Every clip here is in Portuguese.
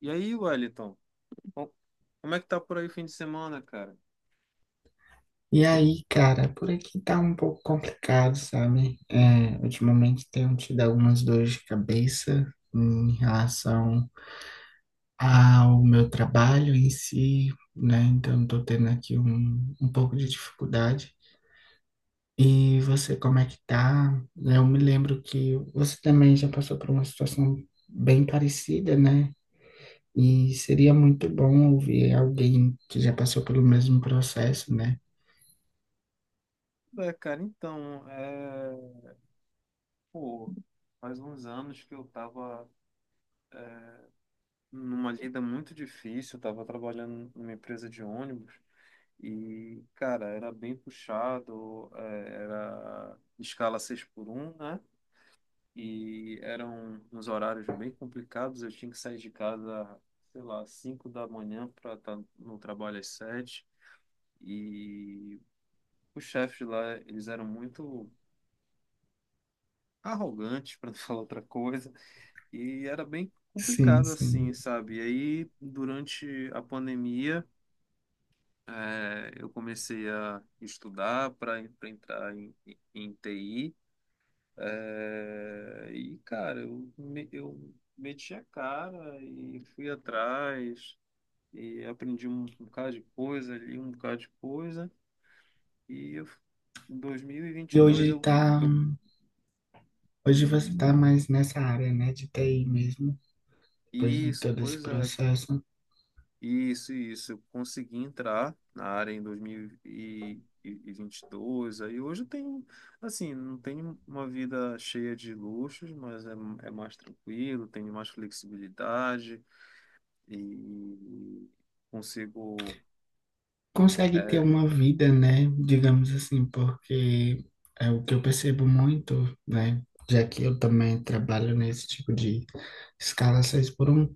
E aí, Wellington, co- como é que tá por aí o fim de semana, cara? E aí, cara, por aqui tá um pouco complicado, sabe? Ultimamente tenho tido algumas dores de cabeça em relação ao meu trabalho em si, né? Então, tô tendo aqui um pouco de dificuldade. E você, como é que tá? Eu me lembro que você também já passou por uma situação bem parecida, né? E seria muito bom ouvir alguém que já passou pelo mesmo processo, né? É, cara, então, é... Pô, faz uns anos que eu tava numa lida muito difícil, eu tava trabalhando numa empresa de ônibus e, cara, era bem puxado, era escala 6 por um, né? E eram uns horários bem complicados, eu tinha que sair de casa, sei lá, 5 da manhã para estar no trabalho às 7 E Os chefes lá, eles eram muito arrogantes, para não falar outra coisa, e era bem Sim, complicado sim. assim, sabe? E aí, durante a pandemia, eu comecei a estudar para entrar em, em TI, e, cara, eu meti a cara e fui atrás, e aprendi um bocado de coisa ali, um bocado de coisa, e eu, em E 2022 hoje eu tá. eu Hoje você está mais nessa área, né, de TI mesmo, depois de isso, todo esse pois é. processo. Isso, isso. Eu consegui entrar na área em 2022. Aí hoje eu tenho, assim, não tenho uma vida cheia de luxos, mas é mais tranquilo, tenho mais flexibilidade e consigo. Consegue ter É, uma vida, né, digamos assim, porque é o que eu percebo muito, né, já que eu também trabalho nesse tipo de escala 6 por um,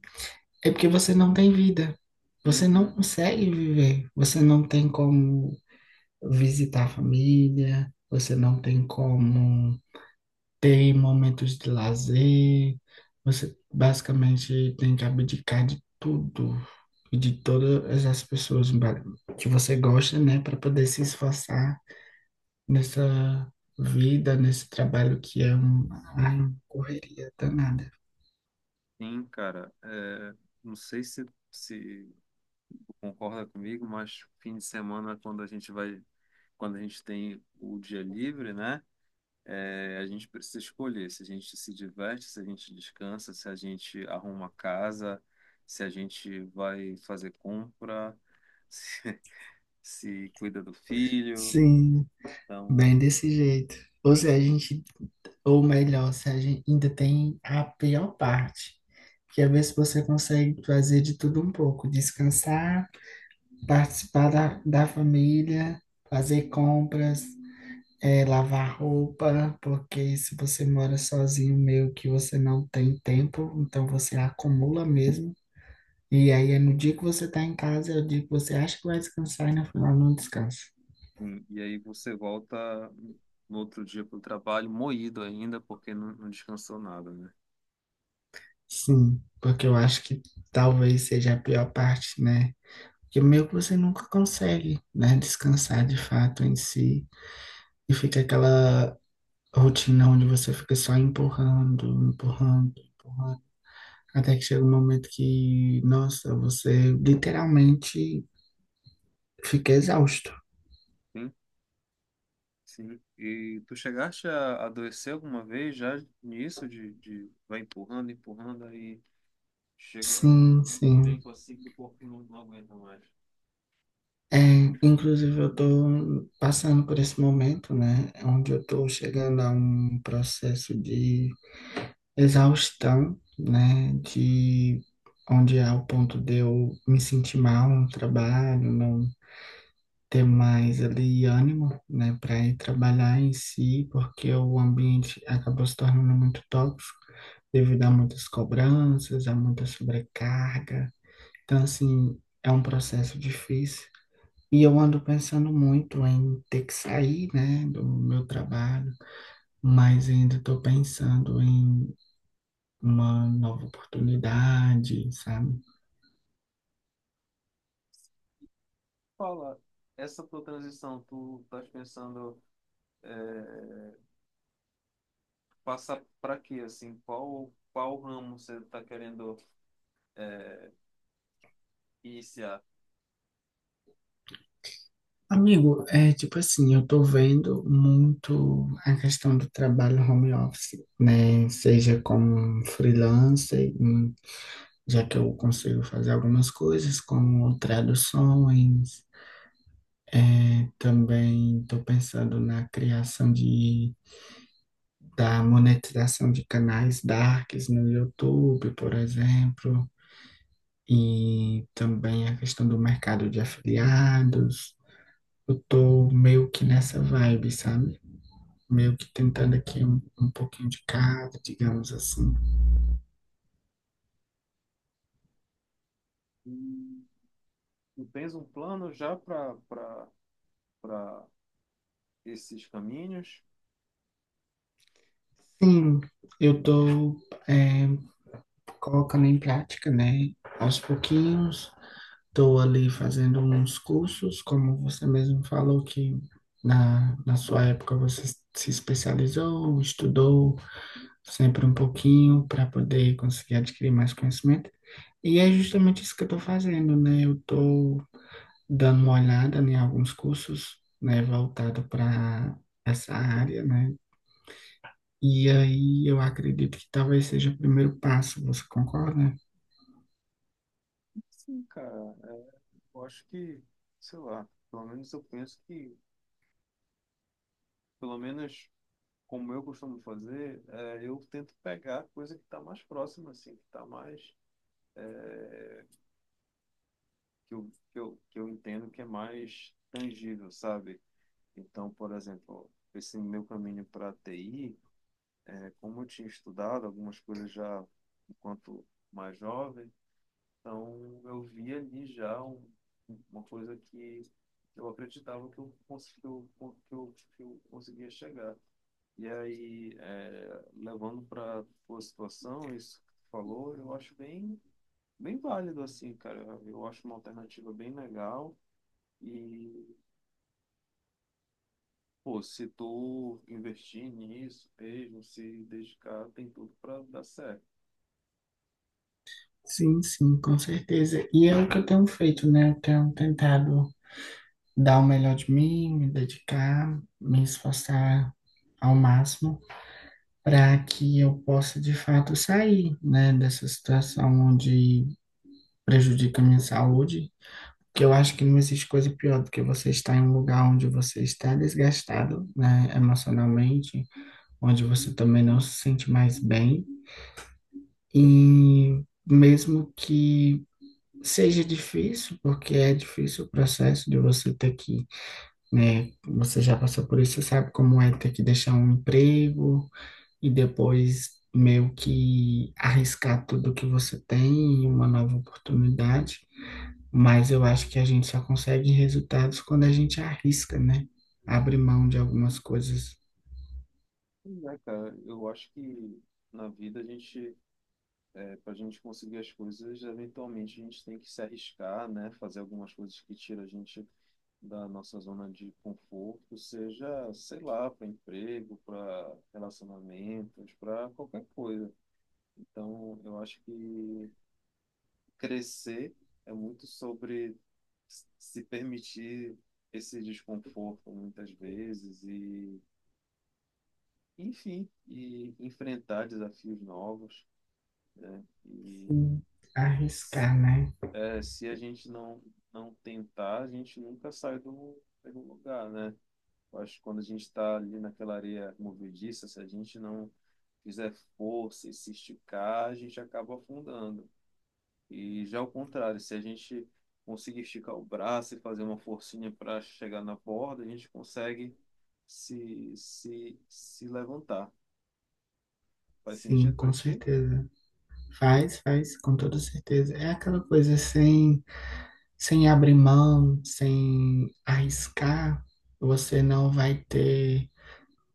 é porque você não tem vida. Você não uhum, consegue viver, você não tem como visitar a família, você não tem como ter momentos de lazer, você basicamente tem que abdicar de tudo e de todas as pessoas que você gosta, né, para poder se esforçar nessa vida, nesse trabalho que é ai, uma correria danada. sim, cara. Não sei se tu concorda comigo, mas fim de semana, quando a gente vai, quando a gente tem o dia livre, né? É, a gente precisa escolher se a gente se diverte, se a gente descansa, se a gente arruma casa, se a gente vai fazer compra, se, se cuida do filho. Sim, Então, bem desse jeito. Ou se a gente, ou melhor, se a gente ainda tem a pior parte, que é ver se você consegue fazer de tudo um pouco, descansar, participar da família, fazer compras, lavar roupa, porque se você mora sozinho, meio que você não tem tempo, então você acumula mesmo. E aí é no dia que você tá em casa, é o dia que você acha que vai descansar e no final não descansa. E aí você volta no outro dia para o trabalho moído ainda, porque não descansou nada, né? Sim, porque eu acho que talvez seja a pior parte, né? Que meio que você nunca consegue, né, descansar de fato em si. E fica aquela rotina onde você fica só empurrando, empurrando, empurrando. Até que chega um momento que, nossa, você literalmente fica exausto. Sim, sim. E tu chegaste a adoecer alguma vez já nisso, de vai empurrando, empurrando, aí chega Sim, um sim. tempo assim que o corpo não aguenta mais. É, inclusive, eu estou passando por esse momento, né, onde eu estou chegando a um processo de exaustão, né, de onde é o ponto de eu me sentir mal no trabalho, não ter mais ali ânimo, né, para ir trabalhar em si, porque o ambiente acabou se tornando muito tóxico, devido a muitas cobranças, a muita sobrecarga. Então, assim, é um processo difícil. E eu ando pensando muito em ter que sair, né, do meu trabalho, mas ainda estou pensando em uma nova oportunidade, sabe? Fala, essa tua transição, tu estás pensando é, passar para quê, assim, qual qual ramo você está querendo iniciar? Amigo, é tipo assim, eu tô vendo muito a questão do trabalho home office, né? Seja como um freelancer, já que eu consigo fazer algumas coisas como traduções. É, também estou pensando na criação de, da monetização de canais darks no YouTube, por exemplo, e também a questão do mercado de afiliados. Eu estou meio que nessa vibe, sabe? Meio que tentando aqui um pouquinho de cada, digamos assim. E tu tens um plano já para esses caminhos? Sim, eu estou colocando em prática, né? Aos pouquinhos. Estou ali fazendo uns cursos, como você mesmo falou que na sua época você se especializou, estudou sempre um pouquinho para poder conseguir adquirir mais conhecimento. E é justamente isso que eu estou fazendo, né? Eu estou dando uma olhada em alguns cursos, né, voltado para essa área, né? E aí eu acredito que talvez seja o primeiro passo, você concorda? Sim, cara, é, eu acho que, sei lá, pelo menos eu penso que, pelo menos como eu costumo fazer, eu tento pegar a coisa que está mais próxima, assim, que está mais que eu entendo que é mais tangível, sabe? Então, por exemplo, esse meu caminho para TI, né, como eu tinha estudado algumas coisas já enquanto mais jovem, então eu vi ali uma coisa que eu acreditava que que eu conseguia chegar. E aí, levando para a situação, isso que tu falou, bem válido, assim, cara. Eu acho uma alternativa bem legal. E pô, se tu investir nisso mesmo, se dedicar, tem tudo para dar certo. Sim, sim, com certeza. E é o que eu tenho feito, né? Eu tenho tentado dar o melhor de mim, me dedicar, me esforçar ao máximo para que eu possa de fato sair, né, dessa situação onde prejudica a minha saúde. Que eu acho que não existe coisa pior do que você estar em um lugar onde você está desgastado, né, emocionalmente, onde você também não se sente mais bem, e mesmo que seja difícil, porque é difícil o processo de você ter que, né, você já passou por isso, você sabe como é ter que deixar um emprego e depois meio que arriscar tudo que você tem em uma nova oportunidade. Mas eu acho que a gente só consegue resultados quando a gente arrisca, né? Abre mão de algumas coisas. Pois é, cara, eu acho que na vida a gente, para a gente conseguir as coisas, eventualmente a gente tem que se arriscar, né? Fazer algumas coisas que tiram a gente da nossa zona de conforto, seja, sei lá, para emprego, para relacionamentos, para qualquer coisa. Então, eu acho que crescer é muito sobre se permitir esse desconforto muitas vezes enfim, e enfrentar desafios novos, né? Sim, arriscar, né? Se a gente não tentar, a gente nunca sai do lugar, né? Eu acho que quando a gente está ali naquela areia movediça, se a gente não fizer força e se esticar, a gente acaba afundando. E já ao contrário, se a gente conseguir esticar o braço e fazer uma forcinha para chegar na borda, a gente consegue se levantar. Faz Sim, sentido para com ti? certeza. Faz, faz, com toda certeza. É aquela coisa sem abrir mão, sem arriscar, você não vai ter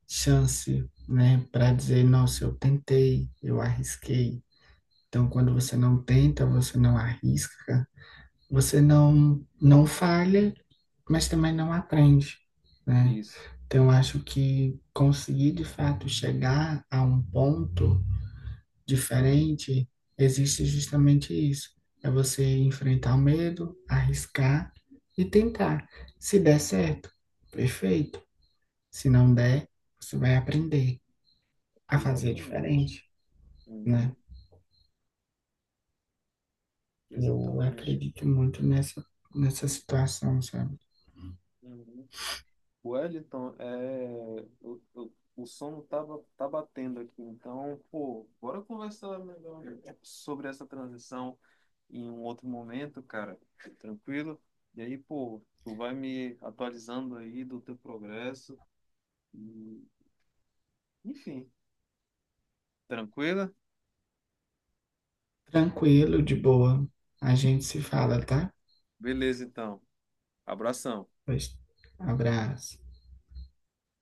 chance, né, para dizer, nossa, eu tentei, eu arrisquei. Então, quando você não tenta, você não arrisca, você não falha, mas também não aprende, né? Isso, Então, eu acho que conseguir de fato chegar a um ponto diferente, existe justamente isso. É você enfrentar o medo, arriscar e tentar. Se der certo, perfeito. Se não der, você vai aprender a fazer exatamente. diferente, né? Uhum, Eu exatamente. acredito muito nessa situação, sabe? Uhum. Wellington, é, o sono tá, tá batendo aqui, então, pô, bora conversar melhor sobre essa transição em um outro momento, cara, tranquilo. E aí, pô, tu vai me atualizando aí do teu progresso. E, enfim, tranquila? Tranquilo, de boa. A gente se fala, tá? Beleza, então. Abração. Pois, abraço.